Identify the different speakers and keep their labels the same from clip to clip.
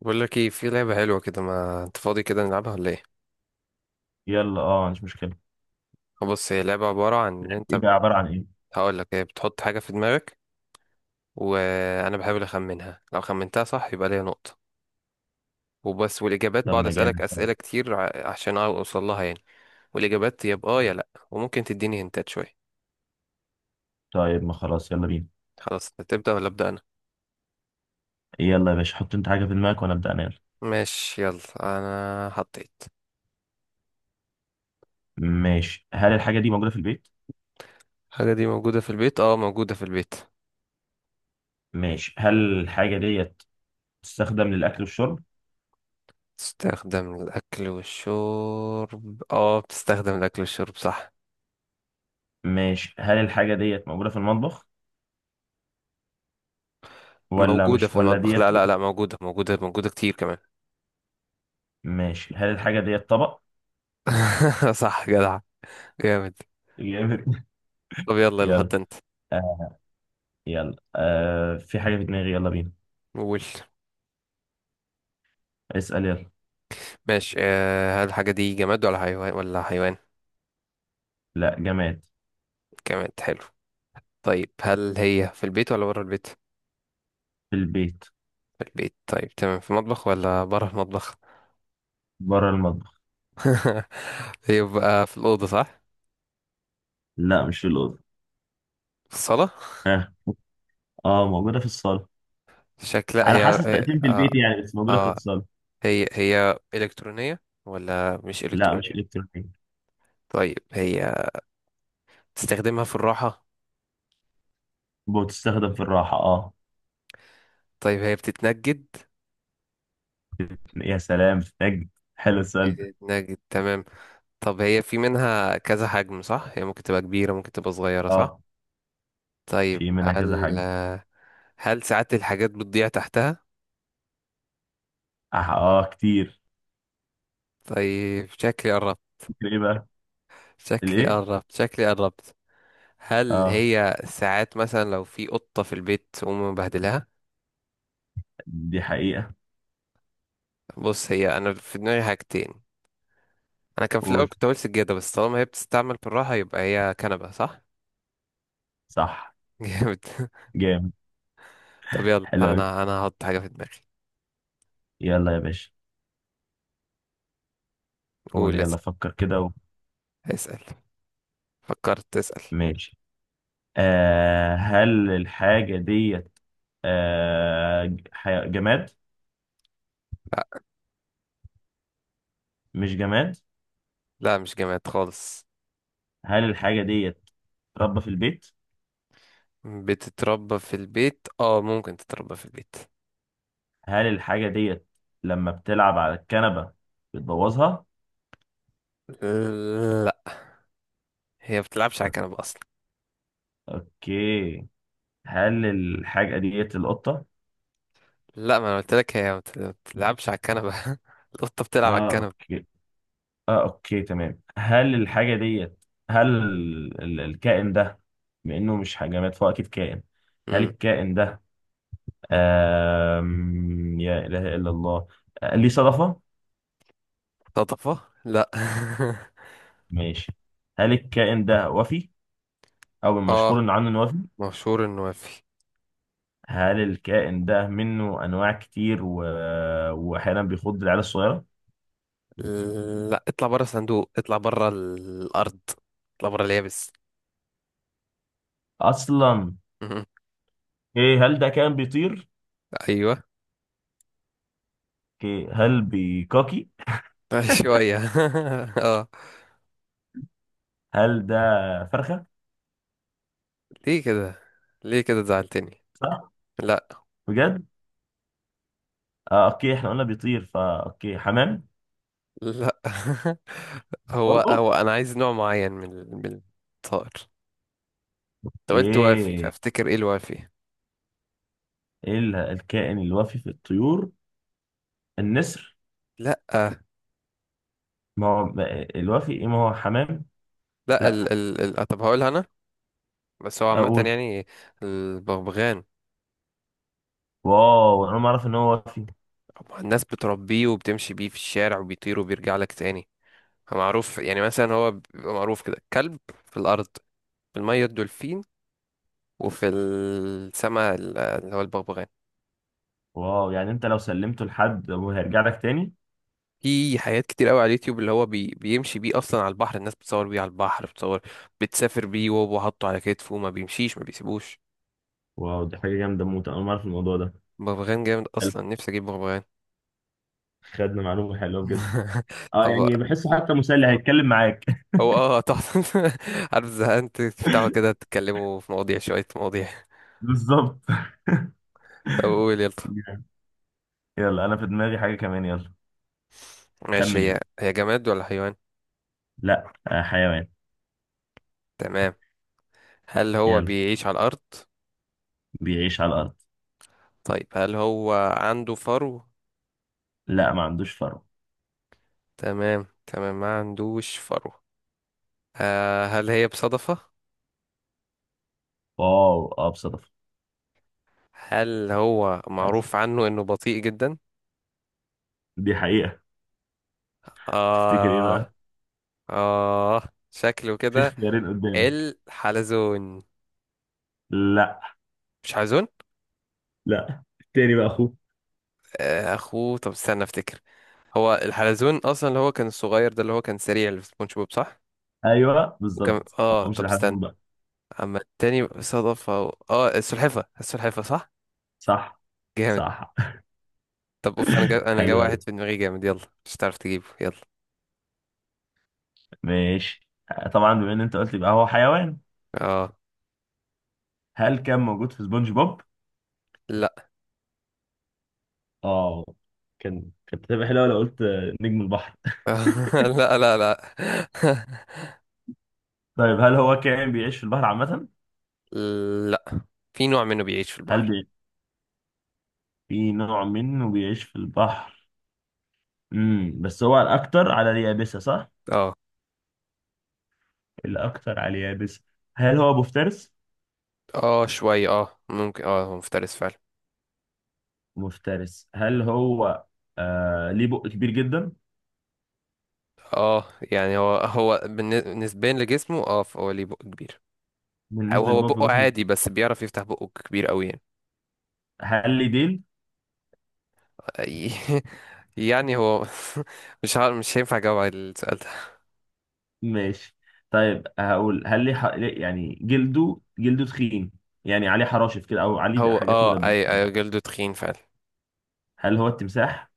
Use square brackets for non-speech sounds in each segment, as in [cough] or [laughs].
Speaker 1: بقول لك ايه؟ في لعبة حلوة كده، ما انت فاضي كده، نلعبها ولا ايه؟
Speaker 2: يلا اه، مش مشكلة.
Speaker 1: آه، بص، هي لعبة عبارة عن ان
Speaker 2: ايه
Speaker 1: انت.
Speaker 2: بقى؟ عبارة عن ايه؟
Speaker 1: هقول لك، هي بتحط حاجة في دماغك وانا بحاول اخمنها. لو خمنتها صح يبقى ليا نقطة وبس. والاجابات، بقعد
Speaker 2: لما
Speaker 1: اسالك
Speaker 2: جامد.
Speaker 1: اسئلة كتير عشان اوصل لها يعني. والاجابات يا بآه يا لا، وممكن تديني هنتات شوية.
Speaker 2: طيب ما خلاص، يلا بينا.
Speaker 1: خلاص، تبدأ ولا ابدأ انا؟
Speaker 2: يلا يا باشا، حط انت حاجة في دماغك وانا ابدأ انال.
Speaker 1: ماشي يلا، انا حطيت.
Speaker 2: ماشي، هل الحاجة دي موجودة في البيت؟
Speaker 1: الحاجة دي موجودة في البيت؟ اه، موجودة في البيت.
Speaker 2: ماشي، هل الحاجة ديت تستخدم للأكل والشرب؟
Speaker 1: تستخدم للأكل والشرب؟ اه، بتستخدم للأكل والشرب، صح.
Speaker 2: ماشي، هل الحاجة ديت موجودة في المطبخ؟ ولا
Speaker 1: موجودة
Speaker 2: مش
Speaker 1: في
Speaker 2: ولا
Speaker 1: المطبخ؟
Speaker 2: ديت
Speaker 1: لا
Speaker 2: جو-
Speaker 1: لا لا، موجودة موجودة موجودة كتير كمان.
Speaker 2: ماشي، هل الحاجة ديت طبق؟
Speaker 1: [laughs] صح جدع، جامد.
Speaker 2: جامد. [laughs]
Speaker 1: طب يلا يلا، حط
Speaker 2: يلا
Speaker 1: انت.
Speaker 2: آه. يلا آه، في حاجة في دماغي، يلا بينا.
Speaker 1: قول.
Speaker 2: اسأل يلا.
Speaker 1: ماشي. هل الحاجة دي جماد ولا حيوان
Speaker 2: لا، جماد.
Speaker 1: جماد، حلو. طيب هل هي في البيت ولا بره البيت؟
Speaker 2: في البيت.
Speaker 1: في البيت. طيب تمام، في المطبخ ولا بره المطبخ؟
Speaker 2: بره المطبخ.
Speaker 1: [laughs] يبقى في الأوضة، صح؟
Speaker 2: لا، مش في الأوضة.
Speaker 1: في الصالة.
Speaker 2: اه اه، موجودة في الصالة.
Speaker 1: شكلها،
Speaker 2: على حسب تقديم البيت يعني، بس موجودة في
Speaker 1: آه آه،
Speaker 2: الاتصال.
Speaker 1: هي هي إلكترونية ولا مش
Speaker 2: لا، مش
Speaker 1: إلكترونية؟
Speaker 2: إلكترونية.
Speaker 1: طيب هي تستخدمها في الراحة.
Speaker 2: بتستخدم في الراحة اه.
Speaker 1: طيب هي بتتنجد؟
Speaker 2: يا سلام نجد. حلو السؤال ده.
Speaker 1: نجد، تمام. طب هي في منها كذا حجم، صح؟ هي ممكن تبقى كبيرة، ممكن تبقى صغيرة، صح؟
Speaker 2: اه،
Speaker 1: طيب
Speaker 2: في منها كذا حاجة.
Speaker 1: هل ساعات الحاجات بتضيع تحتها؟
Speaker 2: اه، آه كتير.
Speaker 1: طيب شكلي قربت،
Speaker 2: كتير ايه بقى؟
Speaker 1: شكلي
Speaker 2: الايه؟
Speaker 1: قربت، شكلي قربت. هل
Speaker 2: اه،
Speaker 1: هي ساعات مثلا لو في قطة في البيت تقوم مبهدلها؟
Speaker 2: دي حقيقة.
Speaker 1: بص، هي انا في دماغي حاجتين. انا كان في الاول
Speaker 2: قول.
Speaker 1: كنت هقول سجادة، بس طالما هي بتستعمل بالراحة يبقى هي كنبة، صح؟
Speaker 2: صح.
Speaker 1: [laughs] جامد.
Speaker 2: جامد.
Speaker 1: طب يلا،
Speaker 2: حلو أوي.
Speaker 1: انا هحط حاجة في دماغي.
Speaker 2: يلا يا باشا. قول
Speaker 1: قول، اسأل.
Speaker 2: يلا، فكر كده
Speaker 1: اسأل. فكرت تسأل.
Speaker 2: ماشي. هل الحاجة ديت جماد؟ مش جماد.
Speaker 1: لا مش جامعات خالص.
Speaker 2: هل الحاجة ديت ربة في البيت؟
Speaker 1: بتتربى في البيت، اه ممكن تتربى في البيت.
Speaker 2: هل الحاجة ديت لما بتلعب على الكنبة بتبوظها؟
Speaker 1: لا. هي ما بتلعبش على الكنبة اصلا.
Speaker 2: اوكي. هل الحاجة ديت القطة؟
Speaker 1: لا، ما انا قلت لك هي ما بتلعبش على الكنبة. [laughs] القطة بتلعب على
Speaker 2: اه
Speaker 1: الكنبة.
Speaker 2: اوكي. اه اوكي تمام. هل الحاجة ديت، هل الكائن ده، بما انه مش جماد فهو اكيد كائن. هل
Speaker 1: امم
Speaker 2: الكائن ده يا اله الا الله. آه، ليه صدفة؟
Speaker 1: صدفة؟ لا.
Speaker 2: ماشي. هل الكائن ده وفي، او
Speaker 1: [laughs] اه،
Speaker 2: المشهور ان عنه انه وفي؟
Speaker 1: مشهور انه وافي.
Speaker 2: هل الكائن ده منه انواع كتير واحيانا بيخض العيال الصغيره
Speaker 1: لا، اطلع بره الصندوق، اطلع بره الارض، اطلع بره اليابس. [laughs]
Speaker 2: اصلا؟
Speaker 1: مم.
Speaker 2: ايه، هل ده كائن بيطير؟
Speaker 1: ايوه.
Speaker 2: اوكي، هل بيكاكي؟
Speaker 1: شوية. [laughs] اه.
Speaker 2: هل ده فرخه؟
Speaker 1: ليه كده؟ ليه كده زعلتني؟
Speaker 2: صح.
Speaker 1: لا.
Speaker 2: بجد. آه اوكي، احنا قلنا بيطير، فا اوكي حمام.
Speaker 1: لا [laughs] هو
Speaker 2: برضو.
Speaker 1: هو انا عايز نوع معين من الطائر. انت
Speaker 2: اوكي
Speaker 1: قلت وافي
Speaker 2: ايه؟
Speaker 1: فافتكر ايه الوافي.
Speaker 2: الكائن الوفي في الطيور، النسر.
Speaker 1: لا
Speaker 2: ما هو، الوفي ايه؟ ما هو حمام.
Speaker 1: لا، ال
Speaker 2: لا.
Speaker 1: ال ال آه، طب هقولها انا. بس هو عامة
Speaker 2: اقول.
Speaker 1: يعني، البغبغان.
Speaker 2: واو، انا ما اعرف ان هو وفي.
Speaker 1: هو الناس بتربيه وبتمشي بيه في الشارع، وبيطير وبيرجع لك تاني. هو معروف، يعني مثلا هو بيبقى معروف كده كلب في الارض، في المية الدولفين، وفي السماء اللي هو البغبغان.
Speaker 2: واو، يعني انت لو سلمته لحد وهيرجع لك تاني.
Speaker 1: في حاجات كتير قوي على اليوتيوب اللي هو بيمشي بيه اصلا على البحر، الناس بتصور بيه على البحر، بتصور، بتسافر بيه وهو حاطه على كتفه، ما بيمشيش ما بيسيبوش.
Speaker 2: واو، دي حاجة جامدة موت. أنا ما أعرف الموضوع ده.
Speaker 1: بغبغان جامد
Speaker 2: حلو.
Speaker 1: اصلا، نفسي اجيب بغبغان.
Speaker 2: خدنا معلومة حلوة بجد.
Speaker 1: [laughs]
Speaker 2: أه
Speaker 1: طب،
Speaker 2: يعني بحسه حتى مسلي، هيتكلم معاك. [laughs]
Speaker 1: هو تحفة. [laughs] عارف زهقان تفتحوا كده تتكلموا في مواضيع، شوية مواضيع.
Speaker 2: بالظبط.
Speaker 1: طب قول يلا.
Speaker 2: جامد. يلا أنا في دماغي حاجة كمان، يلا.
Speaker 1: ماشي،
Speaker 2: خمن يلا.
Speaker 1: هي هي جماد ولا حيوان؟
Speaker 2: لا آه، حيوان.
Speaker 1: تمام. هل هو
Speaker 2: يلا.
Speaker 1: بيعيش على الأرض؟
Speaker 2: بيعيش على الأرض.
Speaker 1: طيب هل هو عنده فرو؟
Speaker 2: لا، ما عندوش فرو.
Speaker 1: تمام تمام، ما عندوش فرو. آه، هل هي بصدفة؟
Speaker 2: واو، أه بصدفة.
Speaker 1: هل هو
Speaker 2: للأسف.
Speaker 1: معروف عنه انه بطيء جدا؟
Speaker 2: دي حقيقة. تفتكر إيه
Speaker 1: اه.
Speaker 2: بقى؟
Speaker 1: اه. شكله
Speaker 2: في
Speaker 1: كده.
Speaker 2: اختيارين قدامك.
Speaker 1: الحلزون.
Speaker 2: لا.
Speaker 1: مش حلزون؟
Speaker 2: لا، التاني بقى أخوه.
Speaker 1: آه اخوه، طب استنى افتكر. هو الحلزون اصلا اللي هو كان الصغير ده، اللي هو كان سريع اللي في سبونج بوب، صح؟
Speaker 2: أيوه
Speaker 1: وكان،
Speaker 2: بالظبط، أه مش
Speaker 1: طب
Speaker 2: لحد
Speaker 1: استنى.
Speaker 2: بقى.
Speaker 1: اما التاني صدفة و... اه السلحفة، السلحفة، صح؟
Speaker 2: صح.
Speaker 1: جامد.
Speaker 2: صح.
Speaker 1: طب اوف،
Speaker 2: [laughs]
Speaker 1: انا جا
Speaker 2: حلو
Speaker 1: واحد
Speaker 2: أوي.
Speaker 1: في دماغي جامد، يلا. مش هتعرف تجيبه، يلا.
Speaker 2: ماشي آه، طبعا بما ان انت قلت يبقى هو حيوان.
Speaker 1: اه.
Speaker 2: هل كان موجود في سبونج بوب؟
Speaker 1: لا.
Speaker 2: اه، كان كانت هتبقى حلوه لو قلت نجم البحر.
Speaker 1: [laughs] لا لا لا.
Speaker 2: طيب، هل هو كائن بيعيش في البحر عامة؟
Speaker 1: [laughs] لا، في نوع منه بيعيش في
Speaker 2: هل
Speaker 1: البحر.
Speaker 2: بي... في نوع منه بيعيش في البحر؟ امم، بس هو الأكتر على اليابسة صح؟
Speaker 1: اه.
Speaker 2: الأكتر على اليابس. هل هو مفترس؟
Speaker 1: اه شوية، ممكن، هو مفترس فعلا.
Speaker 2: مفترس. هل هو ليه بق كبير جدا؟
Speaker 1: اه، يعني هو نسبيا لجسمه، فهو ليه بق كبير. او
Speaker 2: بالنسبة
Speaker 1: هو
Speaker 2: للبق في
Speaker 1: بقه
Speaker 2: جسمه؟
Speaker 1: عادي، بس بيعرف يفتح بقه كبير قوي يعني.
Speaker 2: هل ليه ديل؟
Speaker 1: أي- [laughs] يعني هو. [laughs] مش عارف، مش هينفع اجاوب على السؤال ده.
Speaker 2: ماشي. طيب هقول، هل ليه يعني جلده، تخين؟ يعني عليه حراشف كده أو عليه
Speaker 1: هو
Speaker 2: حاجات
Speaker 1: اه
Speaker 2: مدببة؟
Speaker 1: اي اي جلده تخين فعلا.
Speaker 2: هل هو التمساح؟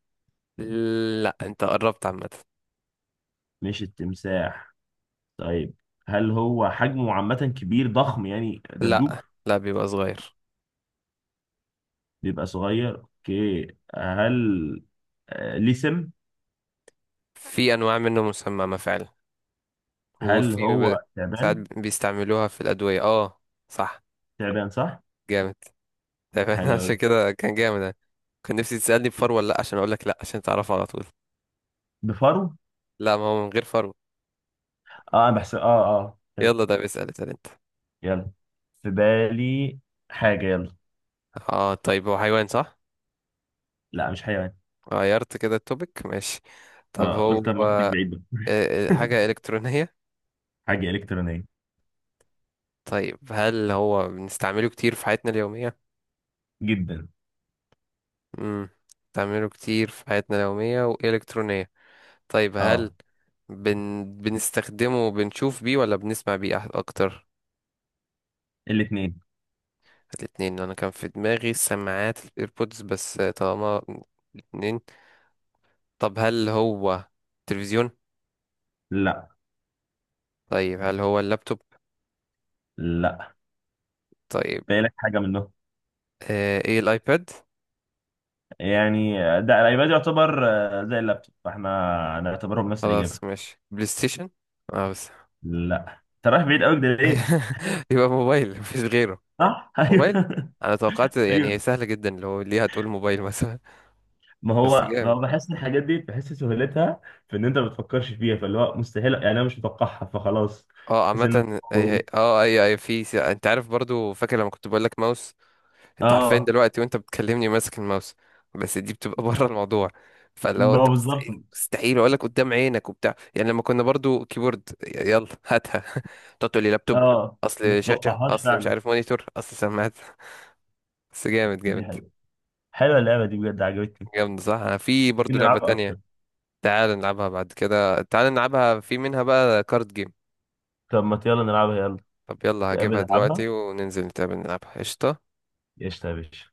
Speaker 1: لا، انت قربت عامة.
Speaker 2: مش التمساح. طيب، هل هو حجمه عامة كبير ضخم، يعني دبدوب؟
Speaker 1: لا لا، بيبقى صغير.
Speaker 2: بيبقى صغير اوكي. هل آه، ليه سم؟
Speaker 1: في انواع منه مسممة فعلا.
Speaker 2: هل
Speaker 1: وفي ب-
Speaker 2: هو
Speaker 1: ساعات
Speaker 2: تعبان؟
Speaker 1: بيستعملوها في الادوية، اه. صح.
Speaker 2: تعبان صح؟
Speaker 1: جامد. تمام. [laughs]
Speaker 2: حلو
Speaker 1: عشان
Speaker 2: أوي.
Speaker 1: كده كان جامد يعني. كان نفسي تسألني بفر ولا لأ عشان أقول لك لأ، عشان تعرفه على طول.
Speaker 2: بفرو؟
Speaker 1: لا، ما هو من غير فرو.
Speaker 2: اه انا بحسب، اه
Speaker 1: يلا
Speaker 2: فهمت.
Speaker 1: ده بيسأل، اسأل أنت.
Speaker 2: يلا، في بالي حاجة، يلا.
Speaker 1: اه، طيب هو حيوان، صح؟
Speaker 2: لا، مش حيوان.
Speaker 1: غيرت كده التوبيك، ماشي. طب
Speaker 2: اه
Speaker 1: هو،
Speaker 2: قلت اما اخدك بعيد بقى. [laughs]
Speaker 1: حاجة إلكترونية.
Speaker 2: حاجة إلكترونية.
Speaker 1: طيب هل هو بنستعمله كتير في حياتنا اليومية؟
Speaker 2: جدا.
Speaker 1: امم بنستعمله كتير في حياتنا اليومية، وإلكترونية. طيب هل
Speaker 2: اه،
Speaker 1: بنستخدمه، بنشوف بيه ولا بنسمع بيه أكتر؟
Speaker 2: الاتنين.
Speaker 1: الاتنين. انا كان في دماغي سماعات الايربودز، بس طالما الاتنين. طب هل هو تلفزيون؟
Speaker 2: لا.
Speaker 1: طيب هل هو اللابتوب؟
Speaker 2: لا،
Speaker 1: طيب.
Speaker 2: بالك حاجة منهم.
Speaker 1: آه ايه، الايباد؟
Speaker 2: يعني ده الايباد يعتبر آه، زي اللابتوب، فاحنا نعتبرهم نفس الاجابه.
Speaker 1: خلاص ماشي، بلاي ستيشن؟ اه بس.
Speaker 2: لا. انت رايح بعيد قوي كده ليه؟
Speaker 1: [laughs] يبقى موبايل، مفيش غيره.
Speaker 2: صح. [laughs]
Speaker 1: موبايل.
Speaker 2: ايوه.
Speaker 1: انا توقعت يعني هي
Speaker 2: ايوه،
Speaker 1: سهلة جدا، لو ليه هتقول موبايل مثلا.
Speaker 2: ما
Speaker 1: [laughs] بس
Speaker 2: هو ما
Speaker 1: جامد.
Speaker 2: هو بحس الحاجات دي بحس سهولتها في ان انت ما بتفكرش فيها، فاللي هو مستحيل يعني انا مش متوقعها، فخلاص.
Speaker 1: اه
Speaker 2: بحس ان
Speaker 1: عامة انت عارف برضو، فاكر لما كنت بقول لك ماوس. انت عارفين
Speaker 2: اه،
Speaker 1: دلوقتي وانت بتكلمني ماسك الماوس، بس دي بتبقى [laughs] بره الموضوع. فلو
Speaker 2: ما هو
Speaker 1: انت
Speaker 2: بالظبط.
Speaker 1: مستحيل مستحيل اقول لك قدام عينك وبتاع، يعني لما كنا برضو كيبورد، يلا هاتها. [laughs] تقعد تقول لي لابتوب،
Speaker 2: اه، ما
Speaker 1: اصل شاشة،
Speaker 2: تتوقعهاش
Speaker 1: اصل مش
Speaker 2: فعلا.
Speaker 1: عارف مونيتور، اصل سماعات. بس جامد،
Speaker 2: دي
Speaker 1: جامد.
Speaker 2: حقيقة. حلوه اللعبه دي بجد، عجبتني.
Speaker 1: جامد، صح. انا في
Speaker 2: ممكن
Speaker 1: برضو لعبة
Speaker 2: نلعبها
Speaker 1: تانية.
Speaker 2: اكتر.
Speaker 1: تعال نلعبها بعد كده، تعال نلعبها، في منها بقى كارد جيم.
Speaker 2: طب ما يلا نلعبها، يلا.
Speaker 1: طب يلا
Speaker 2: تقابل
Speaker 1: هجيبها دلوقتي،
Speaker 2: نلعبها.
Speaker 1: وننزل نتقابل نلعبها، قشطة.
Speaker 2: قشطه يا باشا.